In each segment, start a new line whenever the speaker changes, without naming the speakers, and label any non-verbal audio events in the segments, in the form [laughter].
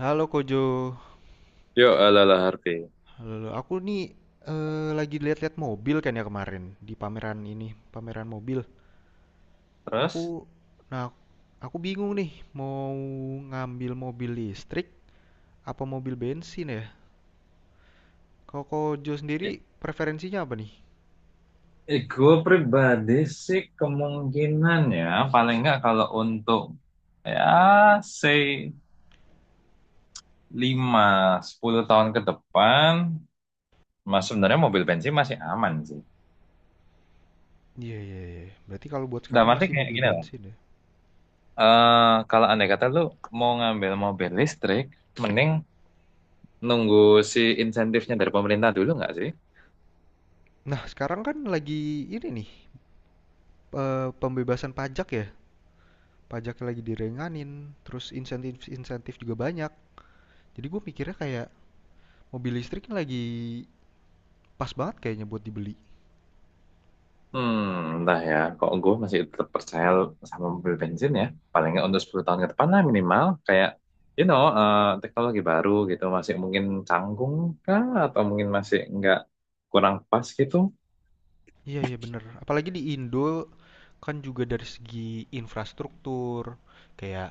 Halo Kojo,
Yuk, ala-ala Harvey.
halo, halo. Aku nih lagi lihat-lihat mobil kan ya kemarin di pameran ini, pameran mobil.
Terus?
Aku, nah, aku bingung nih mau ngambil mobil listrik apa mobil bensin ya. Kalau Kojo sendiri
Ya,
preferensinya apa nih?
Gue pribadi sih kemungkinan ya paling nggak kalau untuk ya say 5 10 tahun ke depan mas sebenarnya mobil bensin masih aman sih.
Iya iya iya. Berarti kalau buat
Dalam
sekarang
arti
masih
kayak
mobil
gini lah.
bensin ya.
Kalau andai kata lu mau ngambil mobil listrik mending nunggu si insentifnya dari pemerintah dulu nggak sih?
Nah sekarang kan lagi ini nih pembebasan pajak ya. Pajaknya lagi direnganin, terus insentif-insentif juga banyak. Jadi gue mikirnya kayak mobil listrik ini lagi pas banget kayaknya buat dibeli.
Hmm, entah ya. Kok gue masih tetap percaya sama mobil bensin ya. Paling nggak untuk 10 tahun ke depan lah minimal. Kayak, you know, eh, Teknologi baru gitu. Masih mungkin canggung kah? Atau mungkin masih nggak kurang pas gitu.
Iya, iya bener. Apalagi di Indo kan juga dari segi infrastruktur, kayak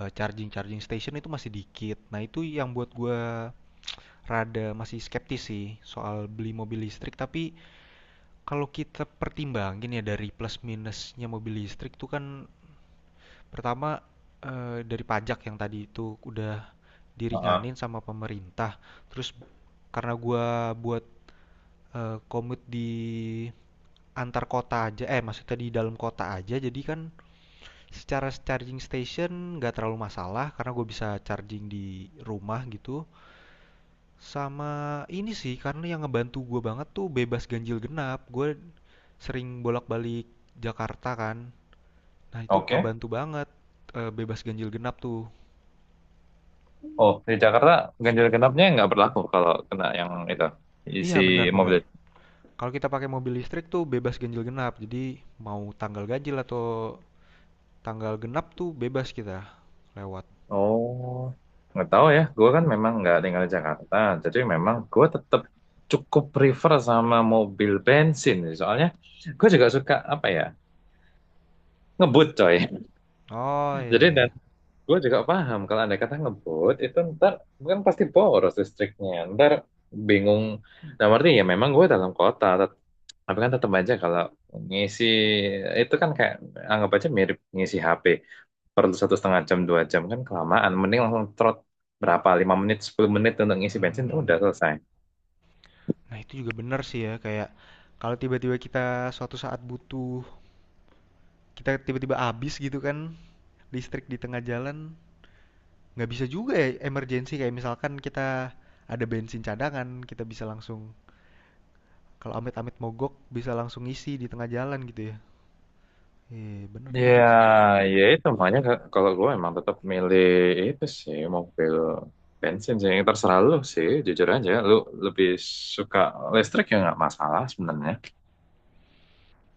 charging-charging station itu masih dikit. Nah, itu yang buat gua rada masih skeptis sih soal beli mobil listrik. Tapi kalau kita pertimbangin ya dari plus minusnya mobil listrik tuh kan pertama dari pajak yang tadi itu udah
Heeh.
diringanin sama pemerintah. Terus karena gua buat komut di antar kota aja eh maksudnya di dalam kota aja jadi kan secara charging station nggak terlalu masalah karena gue bisa charging di rumah gitu sama ini sih karena yang ngebantu gue banget tuh bebas ganjil genap gue sering bolak-balik Jakarta kan nah itu
Oke.
ngebantu banget. Bebas ganjil genap tuh
Oh, di Jakarta ganjil genapnya nggak berlaku kalau kena yang itu.
iya
Isi
benar-benar
mobil.
kalau kita pakai mobil listrik tuh bebas ganjil genap jadi mau tanggal ganjil atau tanggal genap tuh bebas kita lewat.
Oh, nggak tahu ya. Gue kan memang nggak tinggal di Jakarta, jadi memang gue tetap cukup prefer sama mobil bensin sih. Soalnya gue juga suka apa ya ngebut coy.
Oh
[laughs]
iya
Jadi
iya, iya.
gue juga paham kalau andai kata ngebut itu ntar kan pasti boros listriknya, ntar bingung. Nah, berarti ya memang gue dalam kota, tapi kan tetap aja kalau ngisi itu kan kayak anggap aja mirip ngisi HP. Perlu satu setengah jam, dua jam kan kelamaan. Mending langsung trot berapa, lima menit, sepuluh menit untuk ngisi bensin, udah
Hmm,
selesai.
nah itu juga benar sih ya, kayak kalau tiba-tiba kita suatu saat butuh, kita tiba-tiba habis gitu kan, listrik di tengah jalan, nggak bisa juga ya emergency kayak misalkan kita ada bensin cadangan, kita bisa langsung kalau amit-amit mogok bisa langsung isi di tengah jalan gitu ya. Eh, benar
Ya,
juga sih.
Ya itu makanya kalau gue emang tetap milih itu sih mobil bensin sih. Terserah lu sih, jujur aja. Lu lebih suka listrik ya nggak masalah sebenarnya.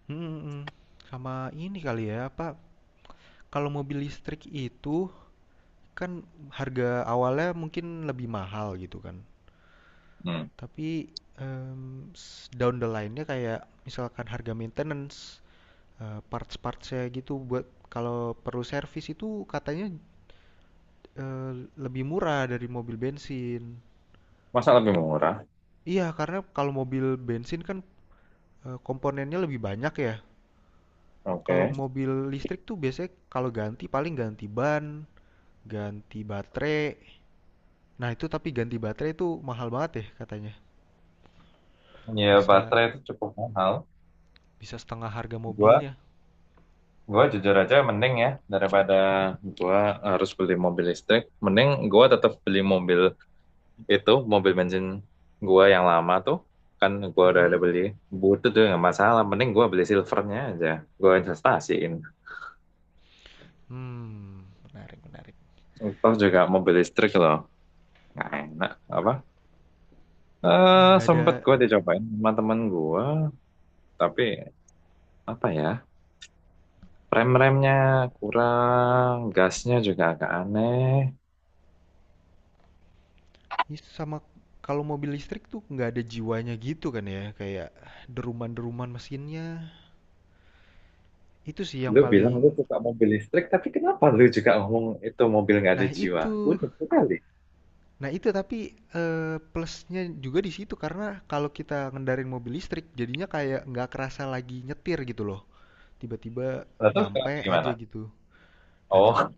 Hmm, hmm, hmm. Sama ini kali ya, apa kalau mobil listrik itu kan harga awalnya mungkin lebih mahal gitu kan.
Hmm.
Tapi, mmm, down the line-nya kayak misalkan harga maintenance, parts-parts-nya gitu buat kalau perlu servis itu katanya, eee, lebih murah dari mobil bensin.
Masa lebih murah?
Iya, karena kalau mobil bensin kan, komponennya lebih banyak ya. Kalau
Oke.
mobil listrik tuh biasanya kalau ganti paling ganti ban, ganti baterai. Nah, itu tapi ganti baterai itu mahal banget ya katanya,
Ya
bisa
baterai itu cukup mahal.
bisa setengah harga
Gua,
mobilnya.
gua jujur aja mending ya daripada gua harus beli mobil listrik. Mending gua tetap beli mobil itu mobil bensin gua yang lama tuh kan gua udah ada
Mhm.
beli butut tuh nggak masalah mending gua beli silvernya aja gua investasiin.
Mmm, menarik menarik.
Toh juga mobil listrik loh nggak enak apa
Ih, nggak ada
sempet gua dicobain sama temen gua tapi apa ya rem-remnya kurang gasnya juga agak aneh.
ini sama kalau mobil listrik tuh nggak ada jiwanya gitu kan ya kayak deruman-deruman mesinnya itu sih yang
Lu bilang lu
paling
suka mobil listrik tapi kenapa lu juga ngomong itu mobil nggak ada
nah
jiwa.
itu
Udah sekali
nah itu tapi plusnya juga di situ karena kalau kita ngendarin mobil listrik jadinya kayak nggak kerasa lagi nyetir gitu loh tiba-tiba
lalu sekarang
nyampe aja
gimana?
gitu nah tapi
Oh,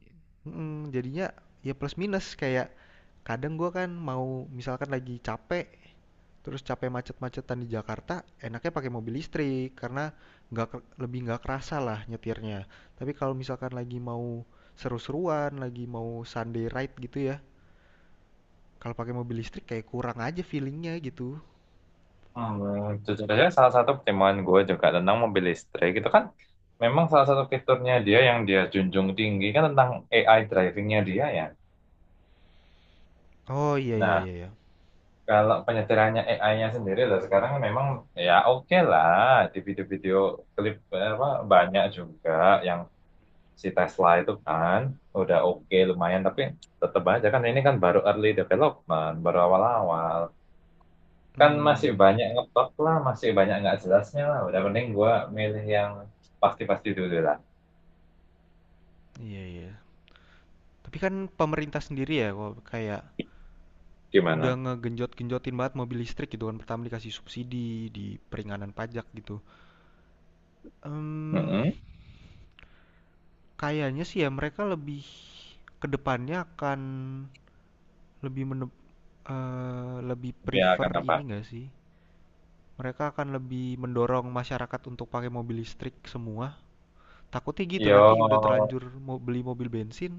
jadinya ya plus minus kayak kadang gua kan mau misalkan lagi capek. Terus capek macet-macetan di Jakarta, enaknya pakai mobil listrik karena nggak lebih nggak kerasa lah nyetirnya. Tapi kalau misalkan lagi mau seru-seruan, lagi mau Sunday ride gitu ya, kalau pakai mobil listrik kayak kurang aja feelingnya gitu.
hmm, jujur aja salah satu pertimbangan gue juga tentang mobil listrik itu kan memang salah satu fiturnya dia yang dia junjung tinggi kan tentang AI drivingnya dia ya.
Oh iya iya
Nah,
iya iya.
kalau penyetirannya AI-nya sendiri lah sekarang memang ya oke lah di video-video klip apa banyak juga yang si Tesla itu kan udah oke lumayan tapi tetap aja kan ini kan baru early development baru awal-awal. Kan masih
Hmm,
banyak ngeplak lah masih banyak nggak jelasnya lah udah mending gua milih yang pasti-pasti dulu lah.
iya iya. Tapi kan pemerintah sendiri ya kok kayak udah
Gimana?
ngegenjot-genjotin banget mobil listrik gitu kan pertama dikasih subsidi di peringanan pajak gitu. Em,
Mm-mm.
kayaknya sih ya mereka lebih ke depannya akan lebih lebih
Ya
prefer
kenapa?
ini enggak sih? Mereka akan lebih mendorong masyarakat untuk pakai mobil listrik semua. Takutnya gitu nanti
Yo
udah terlanjur mau beli mobil bensin,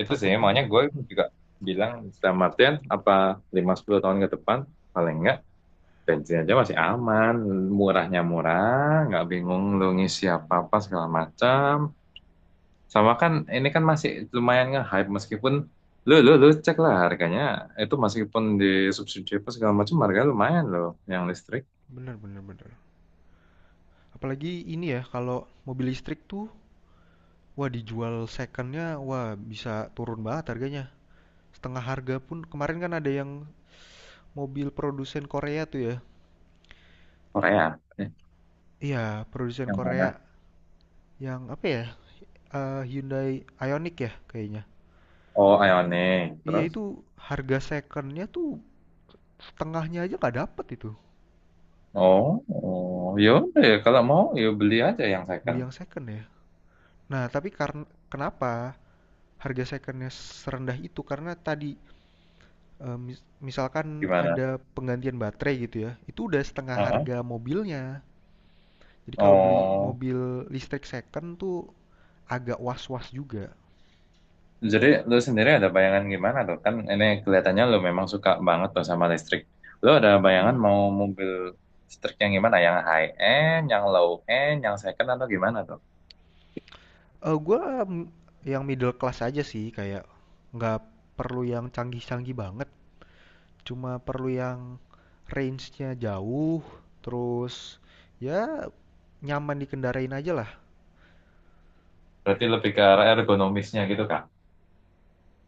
itu sih
takutnya
makanya gue
mm,
juga bilang dalam Martin apa lima sepuluh tahun ke depan paling nggak bensin aja masih aman murahnya murah nggak bingung lu ngisi apa apa segala macam. Sama kan ini kan masih lumayan nge-hype meskipun lu lu lu cek lah harganya itu meskipun di subsidi apa segala macam harga lumayan loh yang listrik.
bener bener bener. Apalagi ini ya kalau mobil listrik tuh wah dijual secondnya wah bisa turun banget harganya. Setengah harga pun kemarin kan ada yang mobil produsen Korea tuh ya.
Korea. Eh,
Iya, produsen
yang
Korea
mana?
yang apa ya. Hyundai Ioniq ya kayaknya?
Oh, Ioniq.
Iya
Terus
itu harga secondnya tuh setengahnya aja nggak dapet itu,
oh, oh ya udah ya kalau mau ya beli aja yang
beli
second.
yang second ya. Nah tapi karena kenapa harga secondnya serendah itu, karena tadi, misalkan
Gimana?
ada penggantian baterai gitu ya, itu udah setengah
Heeh.
harga mobilnya. Jadi kalau beli
Oh.
mobil listrik second tuh agak was-was juga.
Jadi lu sendiri ada bayangan gimana tuh? Kan ini kelihatannya lu memang suka banget tuh sama listrik. Lu ada bayangan
Mhm,
mau mobil listrik yang gimana? Yang high end, yang low end, yang second atau gimana tuh?
gua, yang middle class aja sih kayak nggak perlu yang canggih-canggih banget. Cuma perlu yang range-nya jauh, terus ya nyaman dikendarain aja lah.
Berarti lebih ke arah ergonomisnya gitu kan?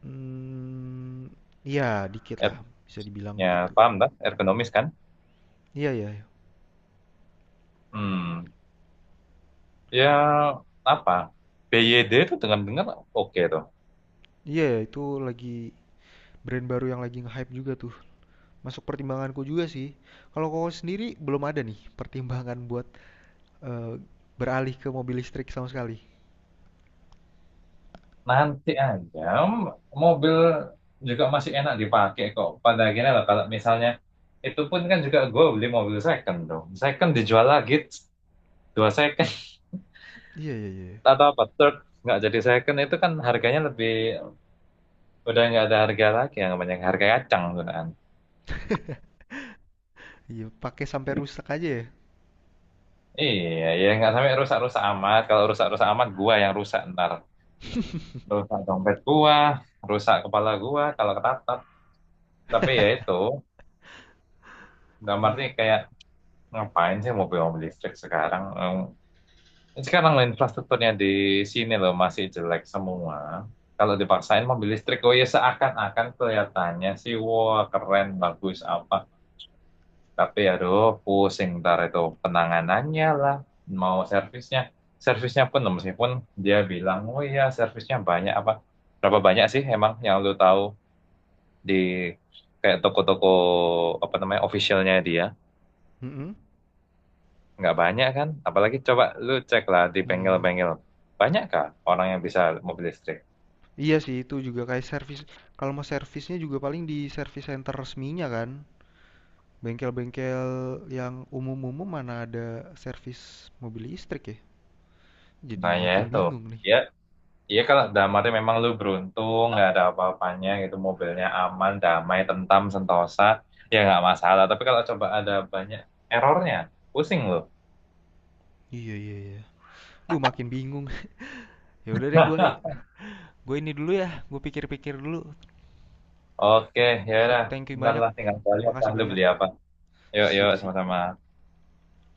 Hmm, ya dikit lah, bisa dibilang
Nya
begitu.
paham kan? Ergonomis kan?
Iya ya,
Hmm, ya apa? BYD itu dengar-dengar oke tuh.
iya ya, itu lagi brand baru yang lagi nge-hype juga tuh. Masuk pertimbanganku juga sih. Kalau kau sendiri belum ada nih pertimbangan buat eh, beralih ke mobil listrik sama sekali.
Nanti aja m- mobil juga masih enak dipakai kok. Pada akhirnya lah kalau misalnya itu pun kan juga gue beli mobil second dong. Second dijual lagi dua second.
Iya iya iya.
[laughs] Atau apa? Third nggak jadi second itu kan harganya lebih udah nggak ada harga lagi yang banyak harga kacang tuh kan.
Iya, pakai sampai rusak aja ya.
Iya, ya nggak sampai rusak-rusak amat. Kalau rusak-rusak amat, gua yang rusak ntar. Rusak dompet gua, rusak kepala gua kalau ketatap. Tapi ya itu,
Iya.
gambarnya kayak ngapain sih mobil-mobil listrik sekarang? Em, sekarang loh infrastrukturnya di sini loh masih jelek semua. Kalau dipaksain mobil listrik, oh ya seakan-akan kelihatannya sih, wah keren, bagus apa. Tapi aduh pusing ntar itu penanganannya lah. Mau servisnya. Servisnya pun meskipun dia bilang, oh iya servisnya banyak apa. Berapa banyak sih emang yang lu tahu di kayak toko-toko apa namanya officialnya dia.
Mm-mm.
Nggak banyak kan. Apalagi coba lu cek lah di
Iya.
bengkel-bengkel. Banyak kah orang yang bisa mobil listrik?
Iya sih itu juga kayak servis kalau mau servisnya juga paling di service center resminya kan. Bengkel-bengkel yang umum-umum mana ada servis mobil listrik ya? Jadi
Nah ya
makin
itu.
bingung nih.
Ya iya kalau damatnya memang lu beruntung nggak ada apa-apanya gitu mobilnya aman damai tentam sentosa ya nggak masalah tapi kalau coba ada banyak errornya pusing lu.
Iya iya iya. Duh makin bingung. [laughs] Ya udah deh gue ini dulu ya. Gue pikir-pikir dulu.
[laughs] Oke, ya
Sip,
udah
thank you
bentar
banyak.
lah tinggal balik apa
Makasih
lu
banyak.
beli apa. Yuk yuk
Sip sip.
sama-sama.